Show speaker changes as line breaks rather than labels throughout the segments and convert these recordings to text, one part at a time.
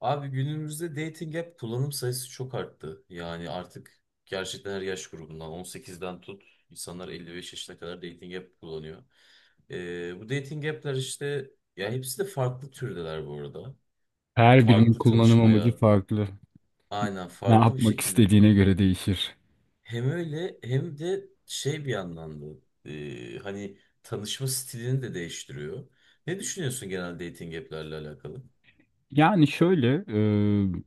Abi günümüzde dating app kullanım sayısı çok arttı. Yani artık gerçekten her yaş grubundan 18'den tut insanlar 55 yaşına kadar dating app kullanıyor. Bu dating app'ler işte ya hepsi de farklı türdeler bu arada.
Her birinin
Farklı
kullanım amacı
tanışmaya
farklı.
aynen
Ne
farklı bir
yapmak
şekilde
istediğine göre değişir.
hem öyle hem de şey bir yandan da hani tanışma stilini de değiştiriyor. Ne düşünüyorsun genel dating app'lerle alakalı?
Yani şöyle,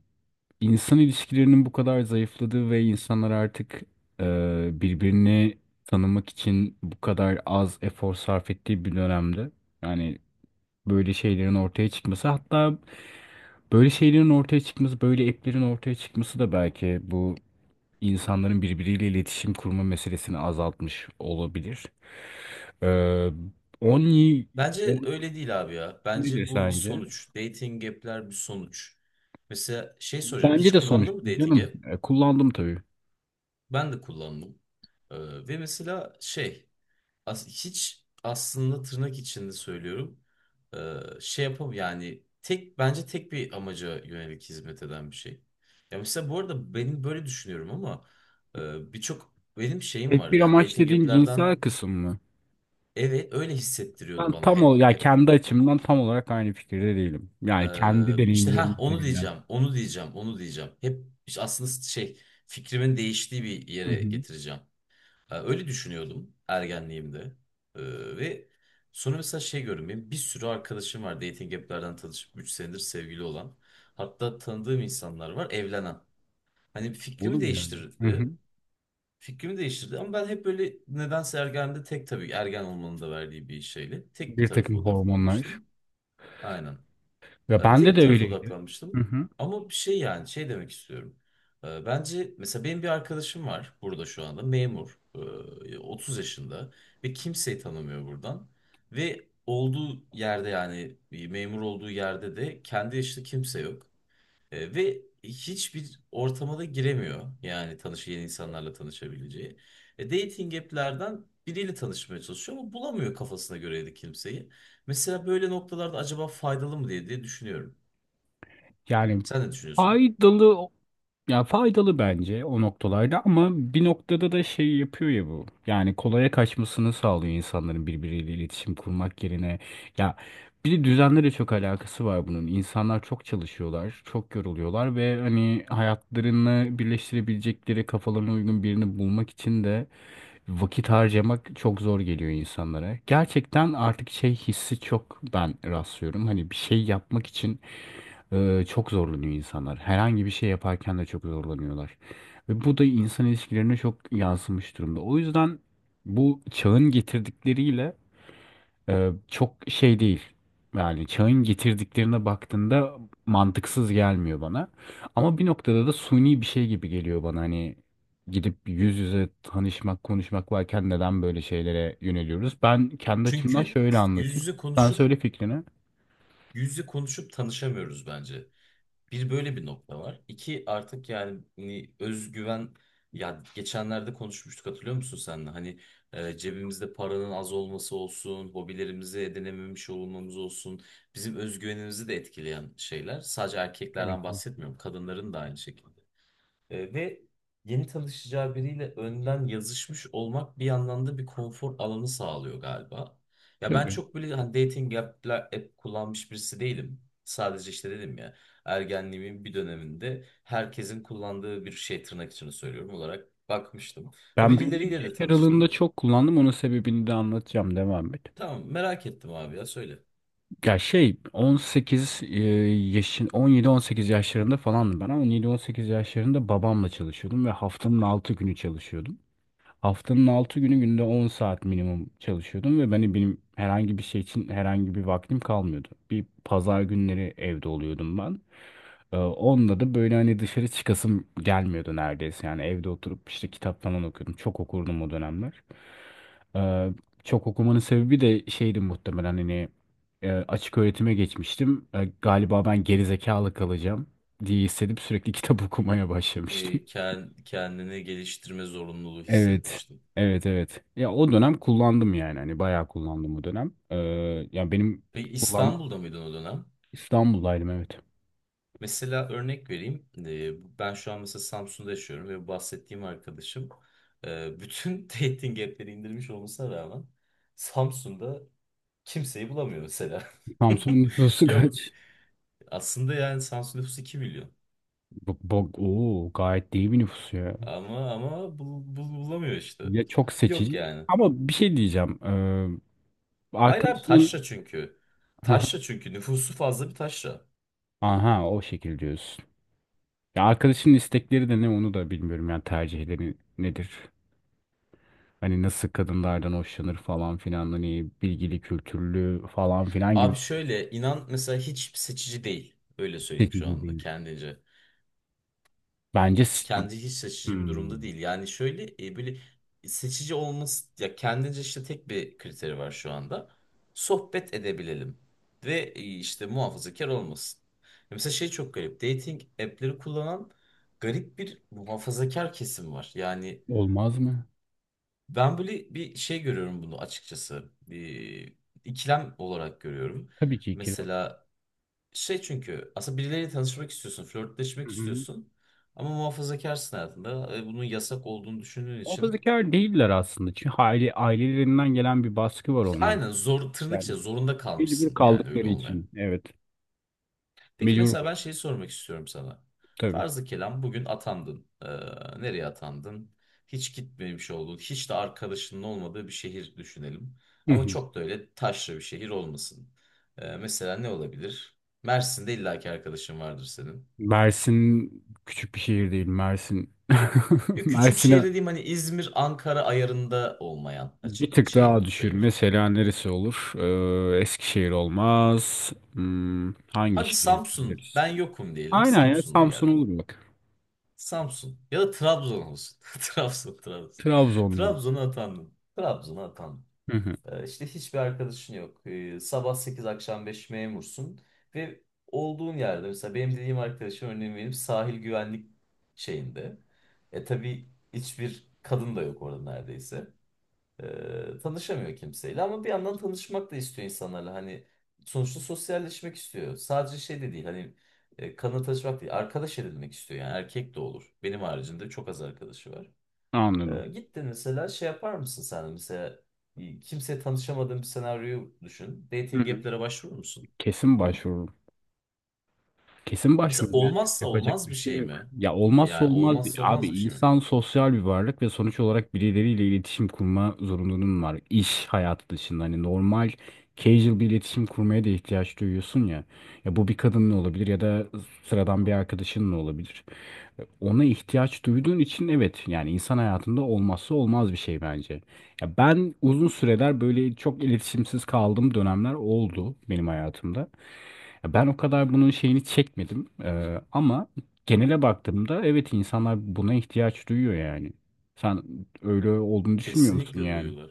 insan ilişkilerinin bu kadar zayıfladığı ve insanlar artık e, birbirini tanımak için bu kadar az efor sarf ettiği bir dönemde. Yani böyle şeylerin ortaya çıkması, hatta böyle şeylerin ortaya çıkması, böyle app'lerin ortaya çıkması da belki bu insanların birbiriyle iletişim kurma meselesini azaltmış olabilir. E, 10.
Bence öyle değil abi ya.
Nedir
Bence bu bir
sence?
sonuç. Dating app'ler bir sonuç. Mesela şey soracağım.
Bence
Hiç
de
kullandın mı
sonuçlu
dating
canım.
app?
Kullandım tabii.
Ben de kullandım. Ve mesela şey hiç aslında tırnak içinde söylüyorum. Şey yapam yani tek bence tek bir amaca yönelik hizmet eden bir şey. Ya mesela bu arada benim böyle düşünüyorum ama birçok benim şeyim
Tek
var
bir
yani
amaç
dating
dediğin cinsel
app'lerden
kısım mı?
evet öyle hissettiriyordu
Ben
bana
tam
hep
ol ya
hep.
kendi açımdan tam olarak aynı fikirde değilim. Yani kendi
İşte ha
deneyimlerim
onu
üzerinden.
diyeceğim, onu diyeceğim, onu diyeceğim. Hep işte aslında şey fikrimin değiştiği bir
Hı
yere
hı.
getireceğim. Öyle düşünüyordum ergenliğimde. Ve sonra mesela şey gördüm. Benim bir sürü arkadaşım var dating app'lerden tanışıp 3 senedir sevgili olan. Hatta tanıdığım insanlar var evlenen. Hani fikrimi
Olur yani. Hı hı.
değiştirdi. Fikrimi değiştirdi ama ben hep böyle nedense ergenliğimde tek tabii ergen olmanın da verdiği bir şeyle tek bir
Bir
tarafa
takım hormonlar.
odaklanmıştım. Aynen.
Ve
Tek
bende
bir
de
tarafa
öyleydi. Hı
odaklanmıştım.
hı.
Ama bir şey yani şey demek istiyorum. Bence mesela benim bir arkadaşım var burada şu anda memur. 30 yaşında ve kimseyi tanımıyor buradan. Ve olduğu yerde yani bir memur olduğu yerde de kendi yaşında kimse yok. Ve hiçbir ortama da giremiyor. Yani yeni insanlarla tanışabileceği. Dating app'lerden biriyle tanışmaya çalışıyor ama bulamıyor kafasına göre de kimseyi. Mesela böyle noktalarda acaba faydalı mı diye düşünüyorum.
Yani
Sen ne düşünüyorsun?
faydalı Ya faydalı bence o noktalarda ama bir noktada da şey yapıyor ya bu. Yani kolaya kaçmasını sağlıyor insanların birbiriyle iletişim kurmak yerine. Ya bir de düzenle de çok alakası var bunun. İnsanlar çok çalışıyorlar, çok yoruluyorlar ve hani hayatlarını birleştirebilecekleri kafalarına uygun birini bulmak için de vakit harcamak çok zor geliyor insanlara. Gerçekten artık şey hissi çok ben rastlıyorum. Hani bir şey yapmak için çok zorlanıyor insanlar. Herhangi bir şey yaparken de çok zorlanıyorlar. Ve bu da insan ilişkilerine çok yansımış durumda. O yüzden bu çağın getirdikleriyle çok şey değil. Yani çağın getirdiklerine baktığında mantıksız gelmiyor bana. Ama bir noktada da suni bir şey gibi geliyor bana. Hani gidip yüz yüze tanışmak, konuşmak varken neden böyle şeylere yöneliyoruz? Ben kendi açımdan
Çünkü
şöyle
yüz
anlatayım.
yüze
Sen
konuşup
söyle fikrini.
yüz yüze konuşup tanışamıyoruz bence. Bir böyle bir nokta var. İki artık yani hani özgüven ya geçenlerde konuşmuştuk hatırlıyor musun senle? Hani cebimizde paranın az olması olsun, hobilerimizi edinememiş olmamız olsun, bizim özgüvenimizi de etkileyen şeyler. Sadece
Tabii
erkeklerden
ki.
bahsetmiyorum, kadınların da aynı şekilde. Ve yeni tanışacağı biriyle önden yazışmış olmak bir yandan da bir konfor alanı sağlıyor galiba. Ya ben
Tabii.
çok böyle hani dating app kullanmış birisi değilim. Sadece işte dedim ya ergenliğimin bir döneminde herkesin kullandığı bir şey tırnak içinde söylüyorum olarak bakmıştım. Ha
Ben belli bir
birileriyle de
yaş aralığında
tanıştım.
çok kullandım. Onun sebebini de anlatacağım. Devam et.
Tamam merak ettim abi ya söyle.
Ya şey 18 yaşın 17-18 yaşlarında falandım ben ama 17-18 yaşlarında babamla çalışıyordum ve haftanın 6 günü çalışıyordum. Haftanın 6 günü günde 10 saat minimum çalışıyordum ve benim herhangi bir şey için herhangi bir vaktim kalmıyordu. Bir pazar günleri evde oluyordum ben. Onda da böyle hani dışarı çıkasım gelmiyordu neredeyse. Yani evde oturup işte kitap falan okuyordum. Çok okurdum o dönemler. Ee, çok okumanın sebebi de şeydi muhtemelen hani açık öğretime geçmiştim. E, galiba ben gerizekalı kalacağım diye hissedip sürekli kitap okumaya başlamıştım.
Kendini geliştirme zorunluluğu
Evet.
hissetmiştim.
Evet, evet. Ya o dönem kullandım yani. Hani bayağı kullandım o dönem. Ya benim
Peki
kullandım.
İstanbul'da mıydın o dönem?
İstanbul'daydım, evet.
Mesela örnek vereyim. Ben şu an mesela Samsun'da yaşıyorum ve bahsettiğim arkadaşım bütün dating app'leri indirmiş olmasına rağmen Samsun'da kimseyi bulamıyor mesela.
Samsun'un nüfusu
Yok
kaç?
aslında yani Samsun nüfusu 2 milyon.
Bak, bak, oo, gayet iyi bir nüfus ya.
Ama bulamıyor işte.
Ya çok
Yok
seçici,
yani.
ama bir şey diyeceğim.
Hayır abi
Arkadaşının
taşra çünkü. Taşra çünkü nüfusu fazla bir taşra.
aha, o şekil diyorsun. Ya arkadaşının istekleri de ne, onu da bilmiyorum. Yani tercihleri nedir? Hani nasıl kadınlardan hoşlanır falan filan, hani bilgili, kültürlü falan filan gibi
Abi şöyle inan mesela hiç seçici değil. Öyle söyleyeyim şu
seçici
anda
değil.
kendince.
Bence s-
Kendi hiç seçici bir durumda
Hmm.
değil. Yani şöyle böyle seçici olması ya kendince işte tek bir kriteri var şu anda. Sohbet edebilelim ve işte muhafazakar olmasın. Ya mesela şey çok garip. Dating app'leri kullanan garip bir muhafazakar kesim var. Yani
Olmaz mı?
ben böyle bir şey görüyorum bunu açıkçası. Bir ikilem olarak görüyorum.
Tabii ki kira.
Mesela şey çünkü aslında birileriyle tanışmak istiyorsun,
Hı
flörtleşmek
hı.
istiyorsun. Ama muhafazakarsın hayatında. Bunun yasak olduğunu düşündüğün için
Muhafazakar değiller aslında. Çünkü aile, ailelerinden gelen bir baskı var
işte
onlara.
aynen zor tırnak
Yani
içinde zorunda
mecbur
kalmışsın yani öyle
kaldıkları
olmaya.
için. Evet.
Peki
Mecbur
mesela ben
bırak-
şeyi sormak istiyorum sana.
Tabii.
Farzı kelam bugün atandın. Nereye atandın? Hiç gitmemiş olduğun, hiç de arkadaşının olmadığı bir şehir düşünelim.
Hı
Ama
hı.
çok da öyle taşra bir şehir olmasın. Mesela ne olabilir? Mersin'de illaki arkadaşın vardır senin.
Mersin küçük bir şehir değil. Mersin.
Ya küçük şehir
Mersin'e
dediğim hani İzmir, Ankara ayarında olmayan
bir
açık
tık
şey
daha düşür.
söylüyoruz.
Mesela neresi olur? Eskişehir olmaz. Hmm, hangi
Hadi
şehir
Samsun,
biliriz?
ben yokum diyelim.
Aynen, ya
Samsun'a
Samsun
geldim.
olur bak.
Samsun ya da Trabzon olsun. Trabzon, Trabzon.
Trabzon olur.
Trabzon'a atandım. Trabzon'a atandım.
Hı hı.
İşte hiçbir arkadaşın yok. Sabah 8 akşam 5 memursun. Ve olduğun yerde mesela benim dediğim arkadaşım örneğin benim sahil güvenlik şeyinde. E tabii hiçbir kadın da yok orada neredeyse. Tanışamıyor kimseyle ama bir yandan tanışmak da istiyor insanlarla hani sonuçta sosyalleşmek istiyor sadece şey de değil hani kanla tanışmak değil arkadaş edinmek istiyor yani erkek de olur benim haricinde çok az arkadaşı var
Anladım.
gittin mesela şey yapar mısın sen de? Mesela kimseye tanışamadığın bir senaryoyu düşün
Hı
dating
hı.
app'lere başvurur musun
Kesin başvururum. Kesin
mesela
başvururum. Yani
olmazsa
yapacak
olmaz
bir
bir
şey
şey
yok.
mi
Ya olmazsa
yani
olmaz
olmazsa
bir, abi
olmaz bir şey mi
insan sosyal bir varlık ve sonuç olarak birileriyle iletişim kurma zorunluluğun var. İş hayatı dışında hani normal casual bir iletişim kurmaya da ihtiyaç duyuyorsun ya. Ya bu bir kadınla olabilir ya da sıradan bir arkadaşınla olabilir. Ona ihtiyaç duyduğun için evet, yani insan hayatında olmazsa olmaz bir şey bence. Ya ben uzun süreler böyle çok iletişimsiz kaldığım dönemler oldu benim hayatımda. Ya ben o kadar bunun şeyini çekmedim. Ama genele baktığımda evet, insanlar buna ihtiyaç duyuyor yani. Sen öyle olduğunu düşünmüyor musun
Kesinlikle
yani?
duyuyorlar.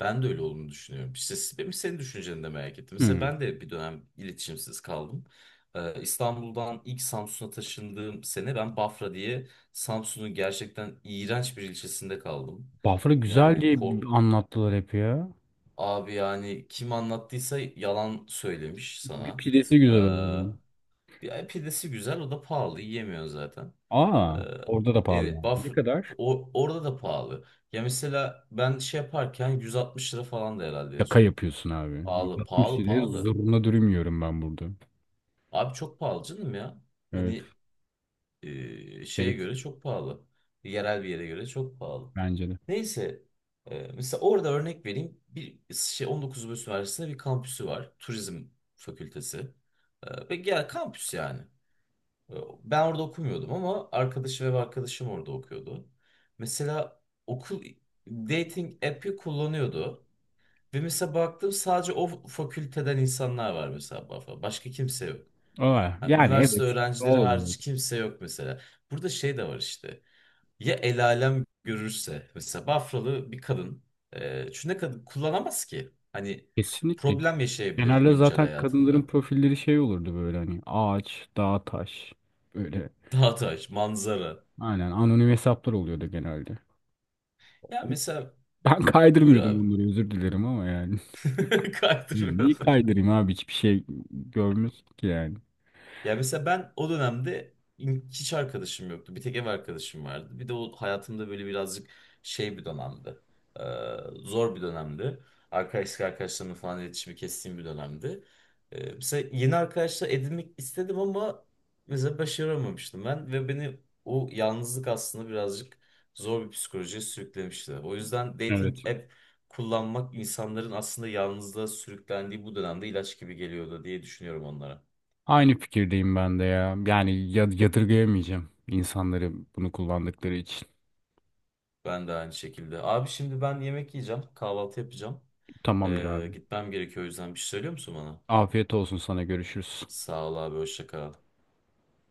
Ben de öyle olduğunu düşünüyorum. İşte benim senin düşünceni de merak ettim. Mesela
Hmm.
ben de bir dönem iletişimsiz kaldım. İstanbul'dan ilk Samsun'a taşındığım sene ben Bafra diye Samsun'un gerçekten iğrenç bir ilçesinde kaldım.
Bafra
Yani
güzel diye anlattılar hep ya.
abi yani kim anlattıysa yalan söylemiş
Bir
sana.
pidesi güzel oluyor.
Ee, bir pidesi güzel o da pahalı yiyemiyor zaten. Ee,
Aa, orada da pahalı
evet,
yani. Ne
Bafra
kadar?
orada da pahalı. Ya mesela ben şey yaparken 160 lira falan da herhalde en
Şaka
son.
yapıyorsun abi.
Pahalı,
160
pahalı,
liraya
pahalı.
zurna dürüm yiyorum ben burada.
Abi çok pahalı canım ya.
Evet.
Hani şeye göre
Gereksiz
çok pahalı. Yerel bir yere göre çok pahalı.
bence de.
Neyse, mesela orada örnek vereyim. Bir şey 19 Mayıs Üniversitesi'nde bir kampüsü var. Turizm fakültesi. Ve gel kampüs yani. Ee, Ben orada okumuyordum ama arkadaşım orada okuyordu. Mesela okul dating app'i kullanıyordu. Ve mesela baktım sadece o fakülteden insanlar var mesela. Başka kimse yok.
Aa,
Ha,
yani
üniversite
evet. Doğal
öğrencileri hariç
olarak.
kimse yok mesela. Burada şey de var işte. Ya el alem görürse. Mesela Bafralı bir kadın. Çünkü ne kadın kullanamaz ki. Hani
Kesinlikle.
problem yaşayabilir
Genelde
güncel
zaten kadınların
hayatında.
profilleri şey olurdu, böyle hani ağaç, dağ, taş böyle.
Dağtaş, manzara.
Aynen, anonim hesaplar oluyordu genelde.
Ya mesela
Ben
buyur
kaydırmıyordum
abi.
bunları, özür dilerim ama yani.
Kaydırmıyor.
Niye kaydırayım abi, hiçbir şey görmüyorsun ki yani.
Ya mesela ben o dönemde hiç arkadaşım yoktu. Bir tek ev arkadaşım vardı. Bir de o hayatımda böyle birazcık şey bir dönemdi. Ee, zor bir dönemdi. Arkadaşlarımla falan iletişimi kestiğim bir dönemdi. Mesela yeni arkadaşlar edinmek istedim ama mesela başaramamıştım ben. Ve beni o yalnızlık aslında birazcık zor bir psikolojiye sürüklemişti. O yüzden
Evet.
dating app kullanmak insanların aslında yalnızlığa sürüklendiği bu dönemde ilaç gibi geliyordu diye düşünüyorum onlara.
Aynı fikirdeyim ben de ya. Yani yadırgayamayacağım insanları bunu kullandıkları için.
Ben de aynı şekilde. Abi şimdi ben yemek yiyeceğim. Kahvaltı yapacağım.
Tamamdır abi.
Gitmem gerekiyor o yüzden bir şey söylüyor musun bana?
Afiyet olsun sana, görüşürüz.
Sağ ol abi hoşça kal.